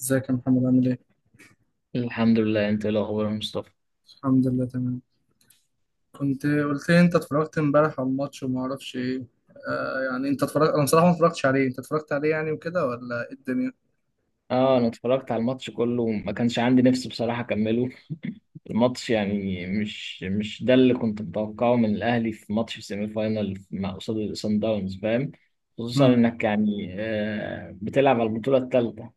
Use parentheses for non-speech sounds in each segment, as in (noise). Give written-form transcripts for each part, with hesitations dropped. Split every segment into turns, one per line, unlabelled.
ازيك يا محمد؟ عامل ايه؟
الحمد لله، انت ايه الاخبار يا مصطفى؟
الحمد لله تمام. كنت قلت لي انت اتفرجت امبارح على الماتش وما اعرفش ايه. يعني انت اتفرجت، انا بصراحه ما اتفرجتش عليه، انت اتفرجت عليه يعني وكده ولا ايه الدنيا؟
اه، انا اتفرجت على الماتش كله، ما كانش عندي نفس بصراحه اكمله. (laughs) الماتش يعني مش ده اللي كنت متوقعه من الاهلي في ماتش سيمي فاينال مع قصاد سان داونز، فاهم. خصوصا
امم.
انك يعني بتلعب على البطوله الثالثه.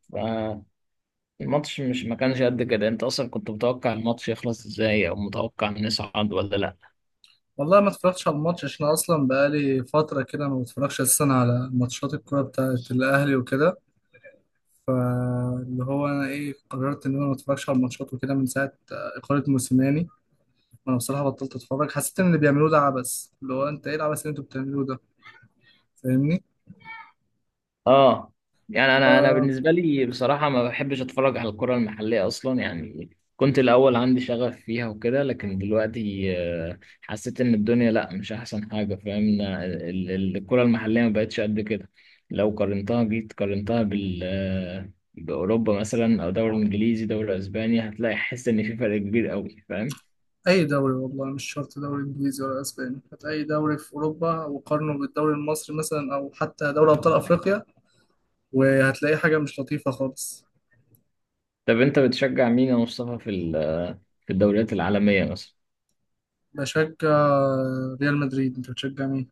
فالماتش مش ما كانش قد كده. انت اصلا كنت متوقع الماتش يخلص ازاي، او متوقع نصعد ولا لا؟
والله ما اتفرجتش على الماتش عشان أنا اصلا بقالي فتره كده ما بتفرجش اساسا على ماتشات الكوره بتاعت الاهلي وكده. فاللي هو انا ايه، قررت ان انا ما اتفرجش على الماتشات وكده من ساعه اقاله موسيماني. وانا بصراحه بطلت اتفرج، حسيت ان اللي بيعملوه ده عبث، اللي هو انت ايه العبث اللي انتوا بتعملوه ده؟ فاهمني؟
اه. يعني انا بالنسبه لي بصراحه ما بحبش اتفرج على الكره المحليه اصلا يعني. كنت الاول عندي شغف فيها وكده، لكن دلوقتي حسيت ان الدنيا لا، مش احسن حاجه، فاهم. الكره المحليه ما بقتش قد كده. لو قارنتها، جيت قارنتها بال باوروبا مثلا، او دوري انجليزي، دوري اسباني، هتلاقي حس ان في فرق كبير قوي، فاهم.
أي دوري، والله مش شرط دوري إنجليزي ولا أسباني، هات أي دوري في أوروبا وقارنه بالدوري المصري مثلا، أو حتى دوري أبطال أفريقيا، وهتلاقي حاجة مش لطيفة خالص.
طب انت بتشجع مين يا مصطفى في في الدوريات العالميه مثلا؟
بشجع ريال مدريد. أنت بتشجع مين؟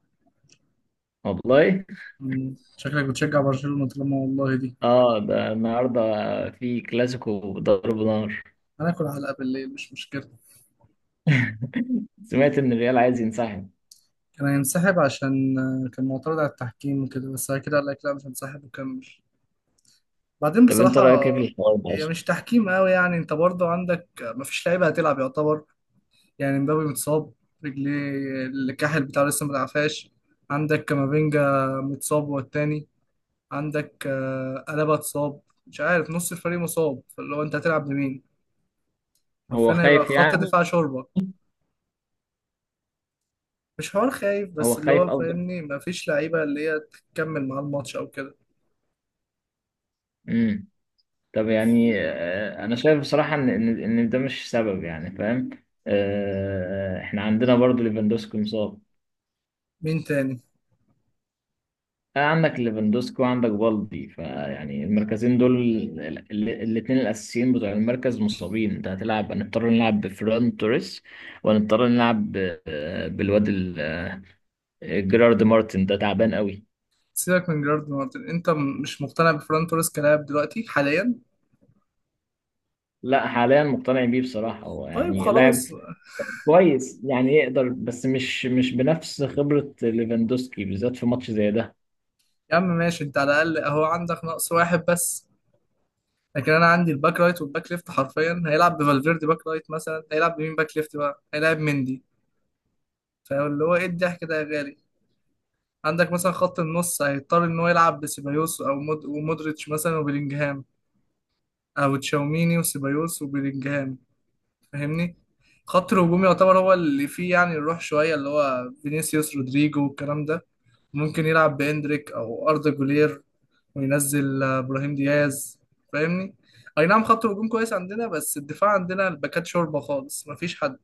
والله.
مم، شكلك بتشجع برشلونة طالما والله دي.
اه، ده النهارده في كلاسيكو ضرب نار.
هناكل علقة بالليل، مش مشكلة.
سمعت ان الريال عايز ينسحب.
كان هينسحب عشان كان معترض على التحكيم وكده، بس بعد كده قال لك لا، مش هنسحب وكمل. بعدين
طب انت
بصراحة،
رايك ايه في الحوار ده
هي
اصلا؟
مش تحكيم قوي يعني، انت برضو عندك مفيش لعيبة هتلعب يعتبر. يعني مبابي متصاب، رجليه، الكاحل بتاعه لسه ما تعفاش. عندك كامافينجا متصاب هو التاني. عندك ألابا اتصاب. مش عارف، نص الفريق مصاب، فاللي هو انت هتلعب بمين؟
هو
عارفين هيبقى
خايف
خط
يعني؟
الدفاع شوربة. مش حوار خايف
هو
بس، اللي هو
خايف قصدك؟
فاهمني، مفيش لعيبة اللي هي تكمل معاه الماتش أو كده.
امم. طب يعني انا شايف بصراحه ان إن ده مش سبب، يعني فاهم. آه، احنا عندنا برضو ليفاندوسكي مصاب.
مين تاني؟
آه، عندك ليفاندوسكي وعندك بالدي، فيعني المركزين دول، الاثنين الاساسيين بتوع المركز مصابين. انت هتلعب، هنضطر نلعب بفران توريس، ونضطر نلعب بالواد جيرارد مارتن، ده تعبان قوي.
سيبك من جيرارد مارتن. انت مش مقتنع بفران توريس كلاعب دلوقتي حاليا؟
لا، حاليا مقتنع بيه بصراحة. هو
طيب
يعني لاعب
خلاص.
كويس يعني، يقدر، بس مش بنفس خبرة ليفاندوسكي، بالذات في ماتش زي ده.
يا عم ماشي، انت على الأقل اهو عندك نقص واحد بس، لكن انا عندي الباك رايت والباك ليفت حرفيا، هيلعب بفالفيردي باك رايت، مثلا هيلعب بمين باك ليفت؟ بقى هيلعب مندي. فاللي هو ايه الضحك ده يا غالي؟ عندك مثلا خط النص هيضطر ان هو يلعب بسيبايوس او مود ومودريتش مثلا وبيلينجهام، او تشاوميني وسيبايوس وبيلينجهام، فاهمني. خط الهجوم يعتبر هو اللي فيه يعني الروح شوية، اللي هو فينيسيوس رودريجو والكلام ده. ممكن يلعب بإندريك أو أردا جولير، وينزل إبراهيم دياز، فاهمني. أي نعم، خط الهجوم كويس عندنا، بس الدفاع عندنا الباكات شوربة خالص، مفيش حد.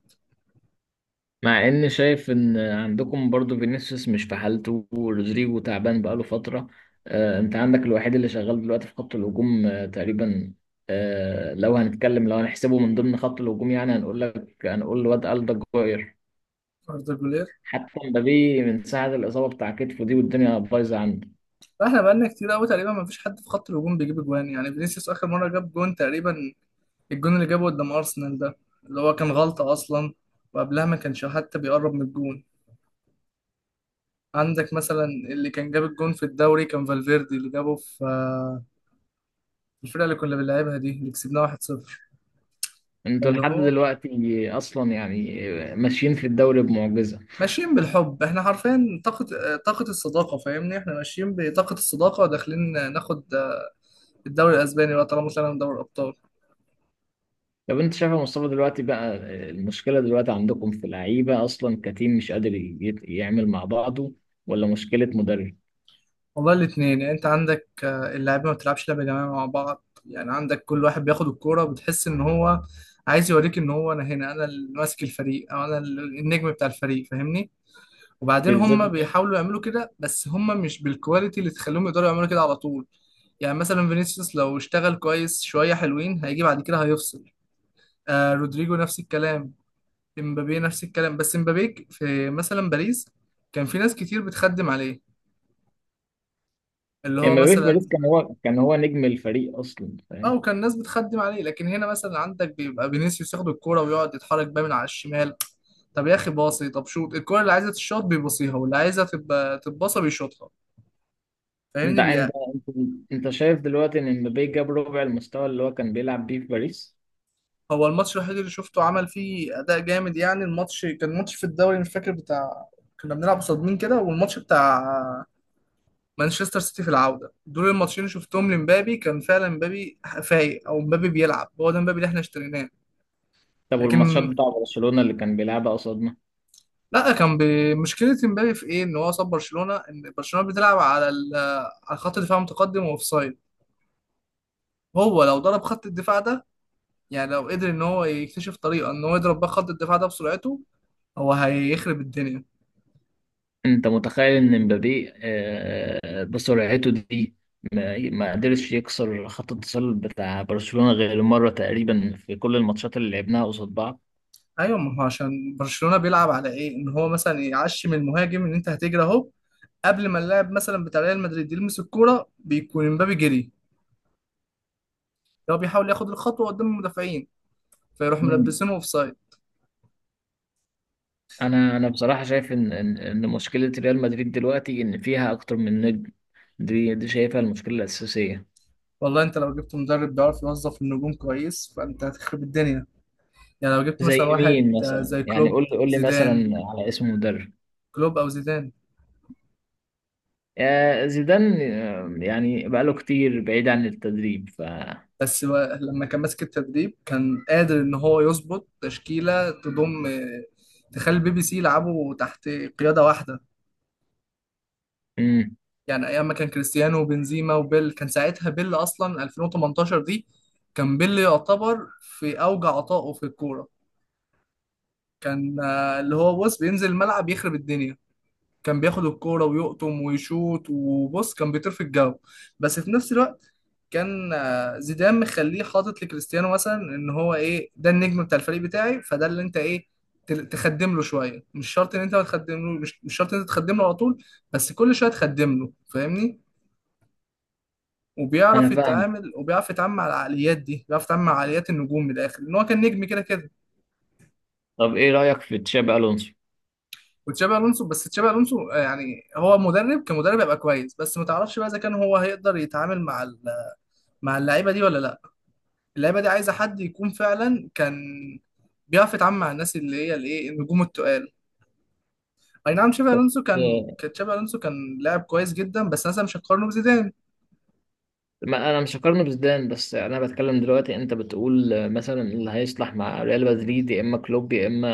مع ان شايف ان عندكم برضو فينيسيوس مش في حالته، ورودريجو تعبان بقاله فترة. آه، انت عندك الوحيد اللي شغال دلوقتي في خط الهجوم آه، تقريبا. آه، لو هنتكلم، لو هنحسبه من ضمن خط الهجوم، يعني هنقول لك، هنقول الواد ألدا جوير.
أردا جولير.
حتى مبابي من ساعة الإصابة بتاع كتفه دي، والدنيا بايظة عنده.
فاحنا بقالنا كتير قوي تقريبا مفيش حد في خط الهجوم بيجيب جوان، يعني فينيسيوس آخر مرة جاب جون تقريبا، الجون اللي جابه قدام أرسنال ده، اللي هو كان غلطة أصلا. وقبلها ما كانش حتى بيقرب من الجون. عندك مثلا اللي كان جاب الجون في الدوري كان فالفيردي، اللي جابه في الفرقه اللي كنا بنلعبها دي، اللي كسبناها 1-0.
انتوا
اللي
لحد
هو
دلوقتي اصلا يعني ماشيين في الدوري بمعجزه.
ماشيين بالحب، احنا حرفيا طاقه، طاقه الصداقه، فاهمني، احنا ماشيين بطاقه الصداقه، وداخلين ناخد الدوري الاسباني بقى طالما طلعنا من دوري الابطال.
طب انت شايف يا مصطفى دلوقتي بقى، المشكله دلوقتي عندكم في اللعيبه اصلا كتيم مش قادر يعمل مع بعضه، ولا مشكله مدرب؟
والله الاثنين، يعني انت عندك اللاعبين ما بتلعبش لعبه جماعيه مع بعض. يعني عندك كل واحد بياخد الكوره، بتحس ان هو عايز يوريك ان هو انا هنا، انا اللي ماسك الفريق او انا النجم بتاع الفريق، فاهمني. وبعدين
بالذات
هم بيحاولوا يعملوا كده بس هم مش بالكواليتي اللي تخليهم يقدروا يعملوا كده على طول. يعني مثلا فينيسيوس لو اشتغل كويس شويه حلوين، هيجي بعد كده هيفصل. آه رودريجو نفس الكلام، امبابي نفس الكلام، بس امبابي في مثلا باريس كان في ناس كتير بتخدم عليه، اللي هو
امبابي في باريس
مثلا.
كان هو نجم الفريق اصلا،
اه،
فاهم.
وكان ناس بتخدم عليه، لكن هنا مثلا عندك بيبقى فينيسيوس ياخد الكوره ويقعد يتحرك بقى من على الشمال. طب يا اخي باصي، طب شوط، الكوره اللي عايزه تتشوط بيبصيها واللي عايزه تبقى تتباصى بيشوطها،
انت
فاهمني.
انت انت شايف دلوقتي ان امبابي جاب ربع المستوى اللي هو كان بيلعب بيه في باريس؟
هو الماتش الوحيد اللي شفته عمل فيه اداء جامد، يعني الماتش كان ماتش في الدوري مش فاكر بتاع، كنا بنلعب قصاد مين كده، والماتش بتاع مانشستر سيتي في العوده، دول الماتشين اللي شفتهم لمبابي كان فعلا مبابي فايق، او مبابي بيلعب، هو ده مبابي اللي احنا اشتريناه.
طب والماتشات
لكن
بتاع برشلونه اللي كان بيلعبها قصاد؟
لا، كان بمشكله. مبابي في ايه؟ ان هو صاب برشلونه، ان برشلونه بتلعب على على خط دفاع متقدم واوفسايد. هو لو ضرب خط الدفاع ده، يعني لو قدر ان هو يكتشف طريقه ان هو يضرب بقى خط الدفاع ده بسرعته، هو هيخرب الدنيا.
انت متخيل ان مبابي بسرعته دي ما قدرش يكسر خط التسلل بتاع برشلونة غير مرة تقريبا في كل الماتشات اللي لعبناها قصاد بعض.
ايوه ما هو عشان برشلونه بيلعب على ايه ان هو مثلا يعشم المهاجم ان انت هتجري اهو، قبل ما اللاعب مثلا بتاع ريال مدريد يلمس الكوره بيكون امبابي جري، لو بيحاول ياخد الخطوه قدام المدافعين، فيروح
مم.
ملبسينه اوف سايد.
انا بصراحة شايف ان إن مشكلة ريال مدريد دلوقتي ان فيها اكتر من نجم. دي شايفها المشكلة الأساسية.
والله انت لو جبت مدرب بيعرف يوظف النجوم كويس، فانت هتخرب الدنيا. يعني لو جبت مثلا
زي
واحد
مين مثلا
زي
يعني؟
كلوب،
قول لي
زيدان.
مثلا على اسم مدرب.
كلوب او زيدان.
زيدان يعني بقاله كتير بعيد عن التدريب، ف...
بس هو لما كان ماسك التدريب كان قادر ان هو يظبط تشكيله تضم تخلي البي بي سي يلعبوا تحت قياده واحده.
مم.
يعني ايام ما كان كريستيانو وبنزيما وبيل، كان ساعتها بيل اصلا 2018 دي كان بيل يعتبر في اوج عطائه في الكوره، كان اللي هو، بص، بينزل الملعب يخرب الدنيا، كان بياخد الكوره ويقطم ويشوط، وبص كان بيطير في الجو. بس في نفس الوقت، كان زيدان مخليه حاطط لكريستيانو مثلا ان هو ايه ده النجم بتاع الفريق بتاعي، فده اللي انت ايه، تخدم له شويه، مش شرط ان انت ما تخدم له، مش شرط ان انت تخدم له على طول، بس كل شويه تخدم له، فاهمني.
انا
وبيعرف
فاهمك.
يتعامل وبيعرف يتعامل مع العقليات دي، بيعرف يتعامل مع عقليات النجوم، من الاخر ان هو كان نجم كده كده.
طب ايه رأيك في تشابي الونسو؟
وتشابي الونسو، بس تشابي الونسو يعني هو مدرب، كمدرب هيبقى كويس، بس ما تعرفش بقى اذا كان هو هيقدر يتعامل مع مع اللعيبه دي ولا لا. اللعيبه دي عايزه حد يكون فعلا كان بيعرف يتعامل مع الناس، اللي هي الايه، النجوم التقال. اي نعم تشابي
بس
الونسو كان تشابي الونسو كان لاعب كويس جدا، بس مثلا مش هتقارنه بزيدان.
ما انا مش هقارنه بزيدان، بس انا بتكلم دلوقتي. انت بتقول مثلا اللي هيصلح مع ريال مدريد يا اما كلوب يا اما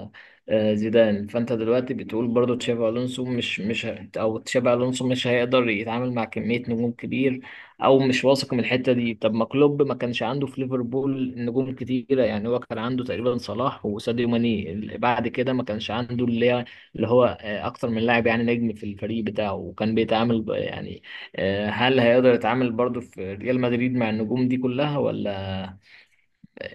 آه، زيدان، فانت دلوقتي بتقول برضو تشافي الونسو مش مش ه- او تشافي الونسو مش هيقدر يتعامل مع كمية نجوم كبير، او مش واثق من الحتة دي. طب ما كلوب ما كانش عنده في ليفربول نجوم كتيرة يعني. هو كان عنده تقريبا صلاح وساديو ماني، اللي بعد كده ما كانش عنده اللي هو اكتر من لاعب يعني نجم في الفريق بتاعه، وكان بيتعامل يعني هل هيقدر يتعامل برضو في ريال مدريد مع النجوم دي كلها، ولا؟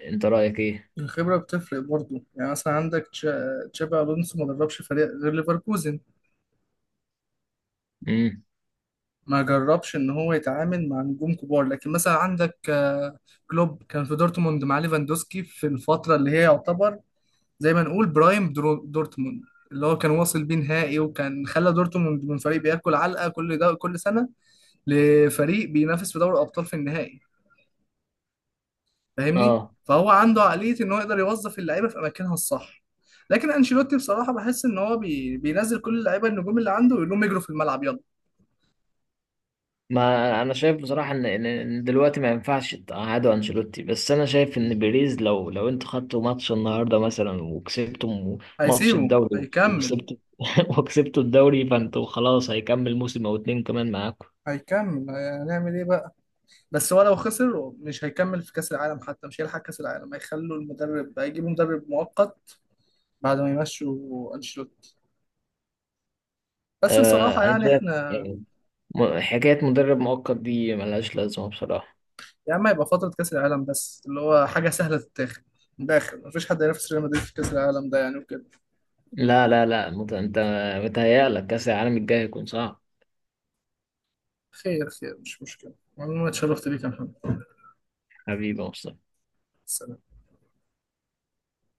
انت رأيك ايه؟
الخبره بتفرق برضه، يعني مثلا عندك تشابي الونسو ما دربش فريق غير ليفركوزن،
امم.
ما جربش ان هو يتعامل مع نجوم كبار. لكن مثلا عندك كلوب، كان في دورتموند مع ليفاندوسكي في الفتره اللي هي يعتبر زي ما نقول برايم دورتموند، اللي هو كان واصل بيه نهائي، وكان خلى دورتموند من فريق بياكل علقه كل ده كل سنه لفريق بينافس في دوري الابطال في النهائي، فاهمني.
اه،
فهو عنده عقليه ان هو يقدر يوظف اللعيبه في اماكنها الصح. لكن انشيلوتي بصراحه بحس ان هو بينزل كل اللعيبه النجوم اللي عنده ويقول لهم اجروا في الملعب يلا.
ما انا شايف بصراحة ان إن دلوقتي ما ينفعش تقعدوا انشيلوتي، بس انا شايف ان بيريز لو انتوا خدتوا ماتش النهاردة مثلا وكسبتوا ماتش
هيسيبه
الدوري
هيكمل
وكسبتوا (laughs) وكسبتوا الدوري، فانتوا خلاص هيكمل موسم او 2 كمان معاكم.
هيكمل هنعمل ايه بقى؟ بس هو لو خسر مش هيكمل، في كأس العالم حتى مش هيلحق كأس العالم، هيخلوا المدرب، هيجيبوا مدرب مؤقت بعد ما يمشوا أنشيلوتي. بس بصراحة
آه انا
يعني
شايف
احنا،
يعني، حكاية مدرب مؤقت دي ملهاش لازمة بصراحة.
يا عم هيبقى فترة كأس العالم بس، اللي هو حاجة سهلة تتاخد، من الآخر مفيش حد هينافس ريال مدريد في كأس العالم ده يعني وكده.
لا لا لا، انت متهيألك كأس العالم الجاي هيكون صعب.
خير خير، مش مشكلة، والله اتشرفت بيك يا محمد.
حبيبي يا مصطفى.
سلام.